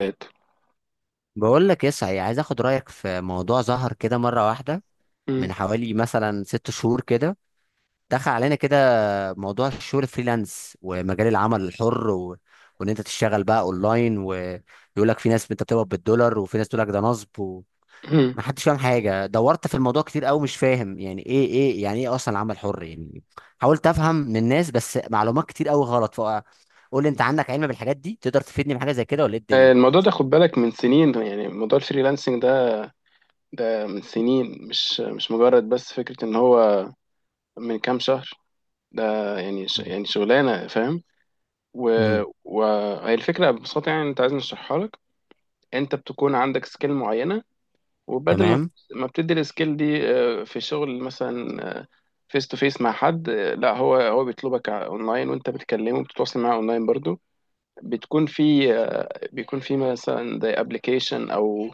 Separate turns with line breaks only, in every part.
بيت.
بقول لك يا سعي، عايز اخد رايك في موضوع ظهر كده مره واحده
مم.
من حوالي مثلا ست شهور كده. دخل علينا كده موضوع الشغل فريلانس ومجال العمل الحر وان انت تشتغل بقى اونلاين، ويقول لك في ناس انت بتقبض بالدولار وفي ناس تقول لك ده نصب، وما
مم.
حدش فاهم حاجه. دورت في الموضوع كتير قوي، مش فاهم يعني ايه، يعني ايه اصلا العمل الحر يعني. حاولت افهم من الناس، بس معلومات كتير قوي غلط. فقول لي، انت عندك علم بالحاجات دي، تقدر تفيدني بحاجه زي كده ولا ايه الدنيا؟
آه، الموضوع ده خد بالك من سنين، يعني موضوع الفريلانسنج ده. ده من سنين مش مجرد بس فكرة ان هو من كام شهر ده. يعني ش يعني شغلانة، فاهم.
امم
وهي الفكرة ببساطة، يعني انت عايزني اشرحها لك. انت بتكون عندك سكيل معينة، وبدل ما
تمام.
ما بتدي السكيل دي في شغل مثلا فيس تو فيس مع حد، لا هو هو بيطلبك اونلاين، وانت بتكلمه بتتواصل معاه اونلاين برضو. بتكون في آه، بيكون في مثلا زي ابلكيشن او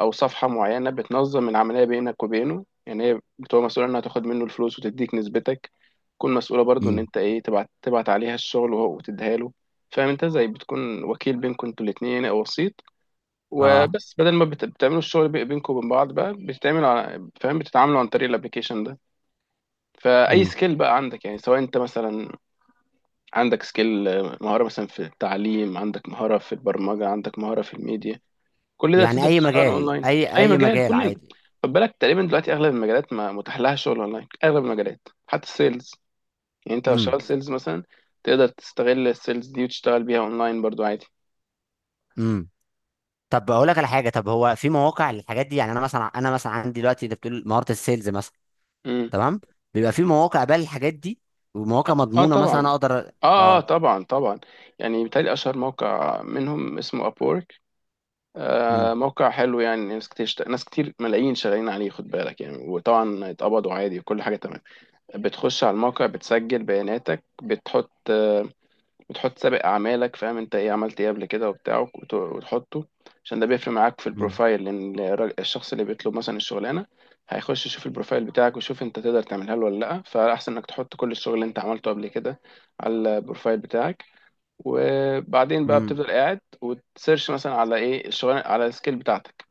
او صفحه معينه بتنظم العمليه بينك وبينه، يعني هي بتبقى مسؤوله انها تاخد منه الفلوس وتديك نسبتك، تكون مسؤوله برضو ان
امم
انت ايه تبعت عليها الشغل، وتديها له. فاهم، انت زي بتكون وكيل بينكم انتوا الاثنين او وسيط.
اه.
وبس بدل ما بتعملوا الشغل بينكم وبين بعض بقى، بتتعملوا فاهم، بتتعاملوا عن طريق الابلكيشن ده. فاي
امم
سكيل بقى عندك، يعني سواء انت مثلا عندك سكيل مهارة مثلا في التعليم، عندك مهارة في البرمجة، عندك مهارة في الميديا، كل ده
يعني
تقدر
اي
تشتغل
مجال،
اونلاين. اي
اي
مجال
مجال
كل
عادي.
خد بالك، تقريبا دلوقتي اغلب المجالات ما متاح لها شغل اونلاين، اغلب المجالات حتى السيلز. يعني انت لو
امم
شغال سيلز مثلا تقدر تستغل السيلز دي وتشتغل بيها اونلاين برضو عادي.
امم طب اقول لك على حاجه، طب هو في مواقع للحاجات دي؟ يعني انا مثلا عندي دلوقتي انت بتقول مهاره السيلز مثلا.
امم.
تمام. بيبقى في مواقع بقى للحاجات دي، ومواقع
اه
مضمونه مثلا،
طبعا.
اقدر
اه اه طبعا طبعا. يعني بالتالي اشهر موقع منهم اسمه ابورك.
امم
آه، موقع حلو، يعني ناس كتير ناس كتير ملايين شغالين عليه، خد بالك يعني، وطبعا اتقبضوا عادي وكل حاجة تمام. بتخش على الموقع، بتسجل بياناتك، بتحط سابق اعمالك، فاهم انت ايه عملت ايه قبل كده وبتاع، وتحطه، عشان ده بيفرق معاك في
امم
البروفايل، لان الشخص اللي بيطلب مثلا الشغلانه هيخش يشوف البروفايل بتاعك ويشوف انت تقدر تعملها له ولا لا. فاحسن انك تحط كل الشغل اللي انت عملته قبل كده على البروفايل بتاعك. وبعدين بقى
امم
بتفضل قاعد وتسيرش مثلا على ايه الشغلانه على السكيل بتاعتك،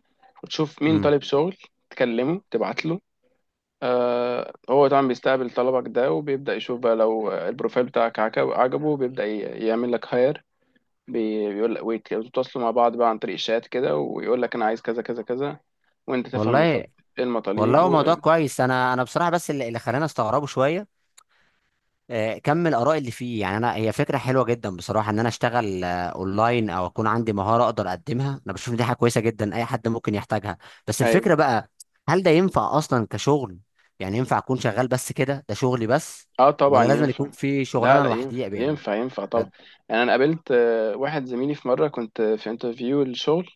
وتشوف مين
امم
طالب شغل، تكلمه تبعت له. آه، هو طبعا بيستقبل طلبك ده، وبيبدأ يشوف بقى لو البروفايل بتاعك عجبه، بيبدأ يعمل لك هاير، بيقول لك، ويتواصلوا مع بعض بقى عن طريق الشات كده، ويقول لك انا عايز كذا كذا كذا، وانت تفهم
والله.
بالظبط ايه
والله
المطالب
هو
و...
موضوع كويس. انا بصراحه بس اللي خلاني استغربه شويه كم الاراء اللي فيه. يعني انا، هي فكره حلوه جدا بصراحه، ان انا اشتغل اونلاين او اكون عندي مهاره اقدر اقدمها. انا بشوف إن دي حاجه كويسه جدا، اي حد ممكن يحتاجها. بس
ايوه.
الفكره بقى، هل ده ينفع اصلا كشغل؟ يعني ينفع اكون شغال بس كده، ده شغلي بس؟
اه طبعا
ولا لازم
ينفع.
يكون في
لا
شغلانه
لا،
لوحدي
ينفع
يعني؟
ينفع ينفع
ف...
طبعا. يعني انا قابلت واحد زميلي في مره كنت في انترفيو للشغل،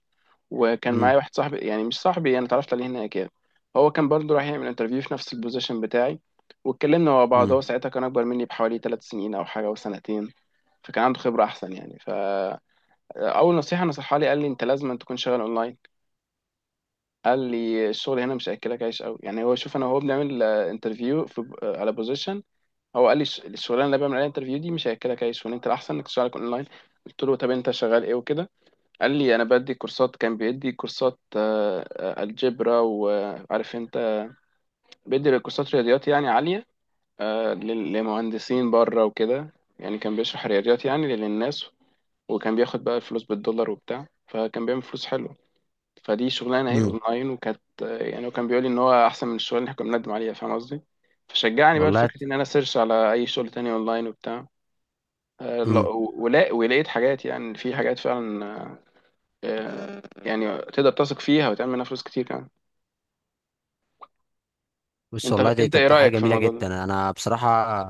وكان معايا
امم
واحد صاحبي، يعني مش صاحبي، انا اتعرفت عليه هناك يعني، هو كان برضه رايح يعمل انترفيو في نفس البوزيشن بتاعي، واتكلمنا مع بعض.
امم
هو ساعتها كان اكبر مني بحوالي 3 سنين او حاجه او سنتين، فكان عنده خبره احسن يعني. فاول نصيحه نصحها لي قال لي انت لازم أن تكون شغال اونلاين. قال لي الشغل هنا مش هياكلك عيش قوي، يعني هو شوف انا وهو بنعمل انترفيو في على بوزيشن، هو قال لي الشغلانه اللي أنا بعمل عليها انترفيو دي مش هياكلك عيش، وان انت الاحسن انك تشتغل اونلاين. قلت له طب انت شغال ايه وكده، قال لي انا بدي كورسات، كان بيدي كورسات الجبرا، وعارف انت، بيدي كورسات رياضيات يعني عالية، آه، لمهندسين بره وكده، يعني كان بيشرح رياضيات يعني للناس، وكان بياخد بقى الفلوس بالدولار وبتاع، فكان بيعمل فلوس حلوة. فدي شغلانة اهي
امم
اونلاين، وكانت يعني وكان بيقول لي ان هو احسن من الشغل اللي احنا كنا بنقدم عليها، فاهم قصدي. فشجعني بقى
والله.
لفكرة ان انا سيرش على اي شغل تاني اونلاين وبتاع.
امم
ولقيت حاجات، يعني في حاجات فعلا يعني تقدر تثق فيها وتعمل منها فلوس كتير كمان.
بص
انت
والله دي،
انت
طب
ايه
ده حاجه
رأيك في
جميله
الموضوع ده؟
جدا. انا بصراحه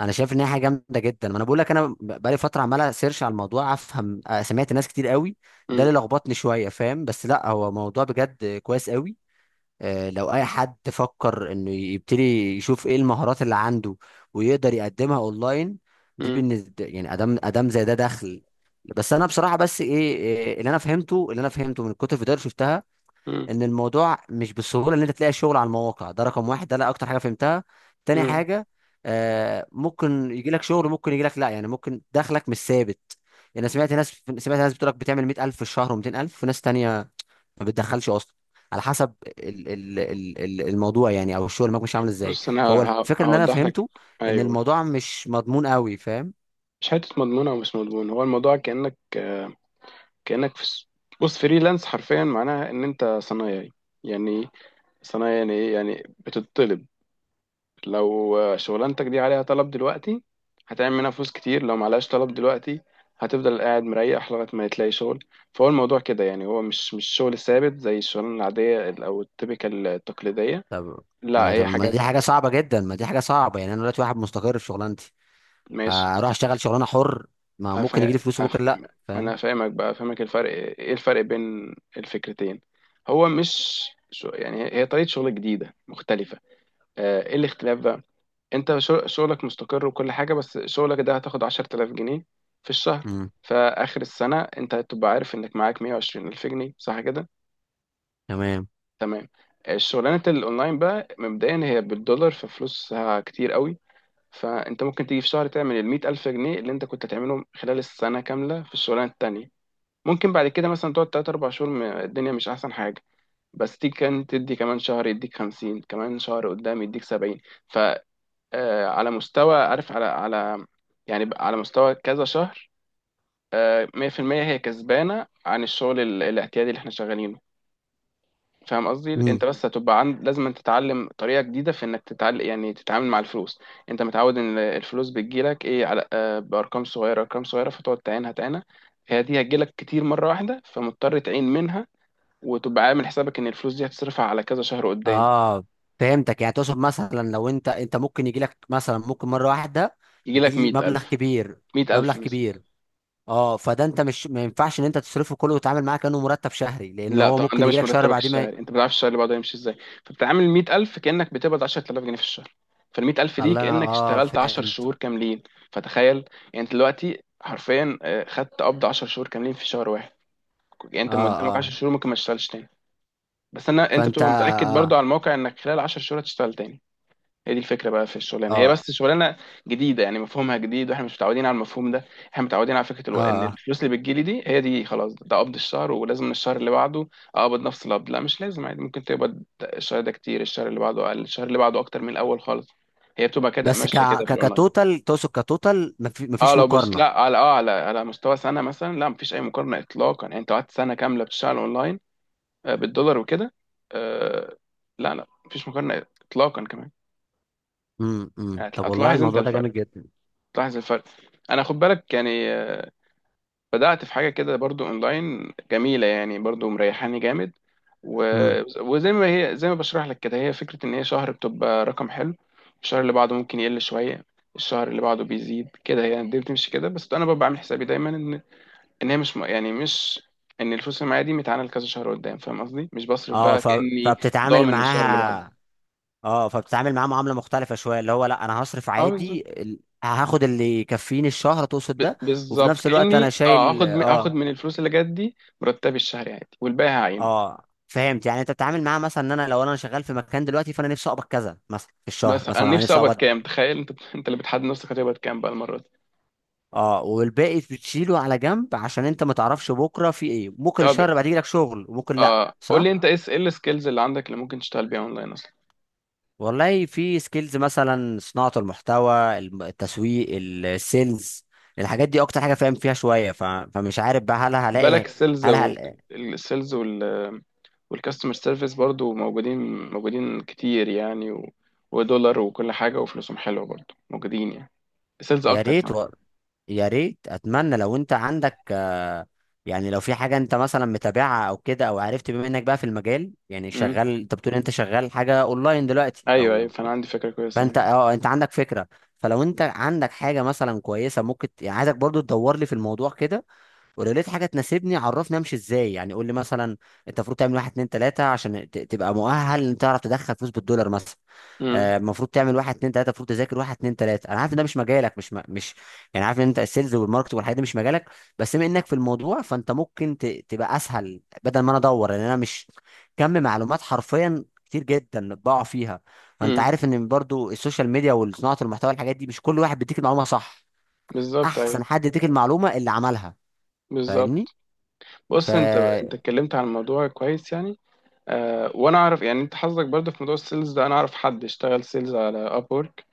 انا شايف ان هي حاجه جامده جدا. ما انا بقول لك، بقالي فتره عمال سيرش على الموضوع افهم. سمعت ناس كتير قوي. ده
مم.
اللي لخبطني شويه فاهم، بس لا، هو موضوع بجد كويس قوي. لو اي حد فكر انه يبتدي، يشوف ايه المهارات اللي عنده ويقدر يقدمها اونلاين. دي
مم.
بالنسبه يعني ادام ادام زي ده دخل. بس انا بصراحه، بس ايه، اللي انا فهمته من كتر الفيديوهات اللي شفتها،
مم.
ان الموضوع مش بالسهوله ان انت تلاقي شغل على المواقع ده. رقم واحد ده، لا، اكتر حاجه فهمتها. تاني
مم.
حاجه، ممكن يجي لك شغل، ممكن يجي لك لا، يعني ممكن دخلك مش ثابت. يعني انا سمعت ناس، بتقول لك بتعمل 100000 في الشهر و200000، وناس تانية ما بتدخلش اصلا، على حسب ال ال ال ال الموضوع يعني، او الشغل معاك مش عامل ازاي.
بص انا
فهو الفكره ان انا
هوضح لك.
فهمته ان
ايوه.
الموضوع مش مضمون قوي فاهم.
مش حته مضمونه ومش مضمون، هو الموضوع كأنك كأنك في س- بص، فريلانس حرفيا معناها ان انت صنايعي. يعني إيه؟ صنايعي يعني ايه، يعني بتطلب، لو شغلانتك دي عليها طلب دلوقتي هتعمل منها فلوس كتير، لو معلهاش طلب دلوقتي هتفضل قاعد مريح لغاية ما تلاقي شغل. فهو الموضوع كده يعني، هو مش شغل ثابت زي الشغلانة العادية أو التيبيكال التقليدية.
طب،
لا هي
ما
حاجات.
دي حاجه صعبه جدا. ما دي حاجه صعبه يعني انا دلوقتي واحد مستقر في شغلانتي،
ماشي.
هروح اشتغل شغلانه حر؟ ما ممكن يجي
أفا...
لي فلوس
أف...
بكره لا
ما
فاهم.
أنا فاهمك بقى فاهمك، الفرق إيه الفرق بين الفكرتين. هو مش يعني هي هي طريقة شغل جديدة مختلفة. آه، إيه الاختلاف بقى. انت شغلك مستقر وكل حاجة، بس شغلك ده هتاخد 10000 جنيه في الشهر،
امم
فآخر السنة انت هتبقى عارف انك معاك 120000 جنيه، صح كده؟
تمام.
تمام. الشغلانة الأونلاين بقى مبدئيا هي بالدولار، ففلوسها كتير قوي. فانت ممكن تيجي في شهر تعمل المية ألف جنيه اللي انت كنت تعملهم خلال السنة كاملة في الشغلانة التانية. ممكن بعد كده مثلا تقعد تلات أربع شهور الدنيا مش أحسن حاجة، بس تيجي كان تدي كمان شهر يديك 50، كمان شهر قدام يديك 70، آه، على مستوى عارف، على يعني على مستوى كذا شهر، آه، 100% هي كسبانة عن الشغل الاعتيادي اللي احنا شغالينه، فاهم قصدي.
امم
انت بس هتبقى عند، لازم أن تتعلم طريقة جديدة في انك تتعلم يعني تتعامل مع الفلوس. انت متعود ان الفلوس بتجيلك ايه على بارقام صغيرة، ارقام صغيرة فتقعد تعينها تعينها. هي دي هتجيلك كتير مرة واحدة، فمضطر تعين منها، وتبقى عامل حسابك ان الفلوس دي هتصرفها على كذا شهر قدام.
اه، فهمتك، يعني تقصد مثلا لو انت ممكن يجي لك مثلا، ممكن مره واحده يجي
يجيلك
لي مبلغ
100000.
كبير،
100000.
مبلغ كبير. اه، فده انت مش، ما ينفعش ان انت تصرفه كله وتتعامل معاه كانه مرتب شهري، لان
لا
هو
طبعا، ده
ممكن يجي
مش
لك شهر،
مرتبك
بعدين ما ي-
الشهري، انت ما بتعرفش الشهر اللي بعده هيمشي ازاي، فبتعامل 100000 كانك بتقبض 10000 جنيه في الشهر، فال 100000 دي
الله! انا
كانك اشتغلت 10
فهمت.
شهور كاملين. فتخيل، يعني انت دلوقتي حرفيا خدت قبض 10 شهور كاملين في شهر واحد. يعني
اه،
انت ما قدامك 10
اه،
شهور ممكن ما تشتغلش تاني، بس انا انت
فانت.
بتبقى متاكد برضو
اه
على الموقع انك خلال 10 شهور هتشتغل تاني. هي دي الفكره بقى في الشغلانه، هي
اه
بس شغلانه جديده يعني، مفهومها جديد واحنا مش متعودين على المفهوم ده. احنا متعودين على فكره
اه
ان
آه.
الفلوس اللي بتجيلي دي هي دي خلاص، ده قبض الشهر، ولازم الشهر اللي بعده اقبض نفس القبض. لا مش لازم، عادي ممكن تقبض الشهر ده كتير، الشهر اللي بعده اقل، الشهر اللي بعده اكتر من الاول خالص، هي بتبقى كده
بس
ماشيه كده في الاونلاين.
كتوتال، تقصد كتوتال، ما
اه
فيش
لو بس
مقارنه.
لا، على اه على على مستوى سنه مثلا لا، مفيش اي مقارنه اطلاقا. يعني انت قعدت سنه كامله بتشتغل اونلاين بالدولار وكده، آه، لا لا، مفيش مقارنه اطلاقا كمان.
أمم. طب والله
هتلاحظ انت
الموضوع ده جامد
الفرق،
جدا.
تلاحظ الفرق. انا خد بالك يعني، بدأت في حاجة كده برضو اونلاين جميلة يعني، برضو مريحاني جامد و...
امم
وزي ما هي زي ما بشرح لك كده، هي فكرة ان هي شهر بتبقى رقم حلو، الشهر اللي بعده ممكن يقل شوية، الشهر اللي بعده بيزيد كده يعني، دي بتمشي كده. بس انا ببقى عامل حسابي دايما ان، ان هي مش م- يعني مش ان الفلوس اللي معايا دي متعانه لكذا شهر قدام، فاهم قصدي، مش بصرف
اه،
بقى كأني
فبتتعامل
ضامن الشهر اللي بعده.
معاها. اه، فبتتعامل معاها معامله مختلفه شويه، اللي هو لا انا هصرف
اه،
عادي، هاخد اللي يكفيني الشهر، تقصد ده؟ وفي
بالظبط،
نفس الوقت انا
كأني اه
شايل
هاخد من الفلوس اللي جت دي مرتبي الشهري عادي، والباقي هعينه.
اه، فهمت، يعني انت بتتعامل معاها مثلا ان انا، لو انا شغال في مكان دلوقتي، فانا نفسي اقبض كذا مثلا في الشهر
بس
مثلا،
انا
انا
نفسي
نفسي
اقبض
اقبض.
كام، تخيل انت انت اللي بتحدد نفسك هتقبض كام بقى المره دي.
اه، والباقي بتشيله على جنب عشان انت ما تعرفش بكره في ايه، ممكن
طب
الشهر بعد يجيلك شغل وممكن لا،
اه، قول
صح؟
لي انت ايه ايه السكيلز اللي عندك اللي ممكن تشتغل بيها اونلاين اصلا.
والله في سكيلز، مثلا صناعة المحتوى، التسويق، السيلز، الحاجات دي اكتر حاجة فاهم فيها شوية. فمش عارف بقى، هل
بالك
هلاقي؟
السيلز
هل
السيلز وال والكاستمر سيرفيس برضو موجودين، موجودين كتير يعني، و... ودولار وكل حاجه وفلوسهم حلوه برضو موجودين يعني، السيلز
يا
اكتر
ريت
كمان.
يا ريت، اتمنى لو انت عندك يعني لو في حاجة انت مثلا متابعها او كده، او عرفت، بما انك بقى في المجال يعني
امم.
شغال، انت بتقول انت شغال حاجة اونلاين دلوقتي
ايوه ايوه،
او،
فانا عندي فكره كويسه
فانت
يعني.
اه انت عندك فكرة. فلو انت عندك حاجة مثلا كويسة، ممكن يعني عايزك برضو تدور لي في الموضوع كده. ولو لقيت حاجه تناسبني عرفني امشي ازاي، يعني قول لي مثلا انت المفروض تعمل واحد اتنين تلاته عشان تبقى مؤهل ان تعرف تدخل فلوس بالدولار مثلا.
امم.
المفروض تعمل واحد اتنين تلاته، المفروض تذاكر واحد اتنين تلاته. انا عارف ان ده مش مجالك، مش مش، يعني عارف ان انت السيلز والماركت والحاجات دي مش مجالك. بس بما انك في الموضوع، فانت ممكن تبقى اسهل بدل ما انا ادور، لان انا مش، كم معلومات حرفيا كتير جدا بقع فيها. فانت
امم.
عارف ان برضو السوشيال ميديا وصناعه المحتوى الحاجات دي، مش كل واحد بيديك المعلومه صح.
بالظبط، ايوه،
احسن حد يديك المعلومه اللي عملها، فاهمني؟
بالظبط. بص، انت انت
فيا
اتكلمت عن الموضوع كويس يعني. آه وانا اعرف يعني انت حظك برضه في موضوع السيلز ده، انا اعرف حد اشتغل سيلز على ابورك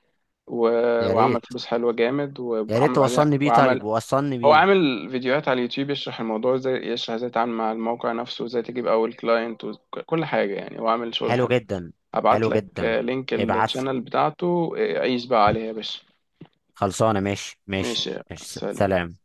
و... وعمل
ريت،
فلوس حلوه جامد،
يا ريت
وعمل بعدين
توصلني بيه. طيب
وعمل،
وصلني
هو
بيه.
عامل فيديوهات على اليوتيوب يشرح الموضوع ازاي، يشرح ازاي تتعامل مع الموقع نفسه وازاي تجيب اول كلاينت وكل حاجه، يعني هو عامل شغل
حلو
حلو.
جدا.
هبعت
حلو
لك
جدا،
آه، لينك
ابعت لي.
الشانل بتاعته، آه، عيش بقى عليها يا باشا.
خلصانه، ماشي ماشي.
ماشي ماشي.
ماشي،
سلام.
سلام.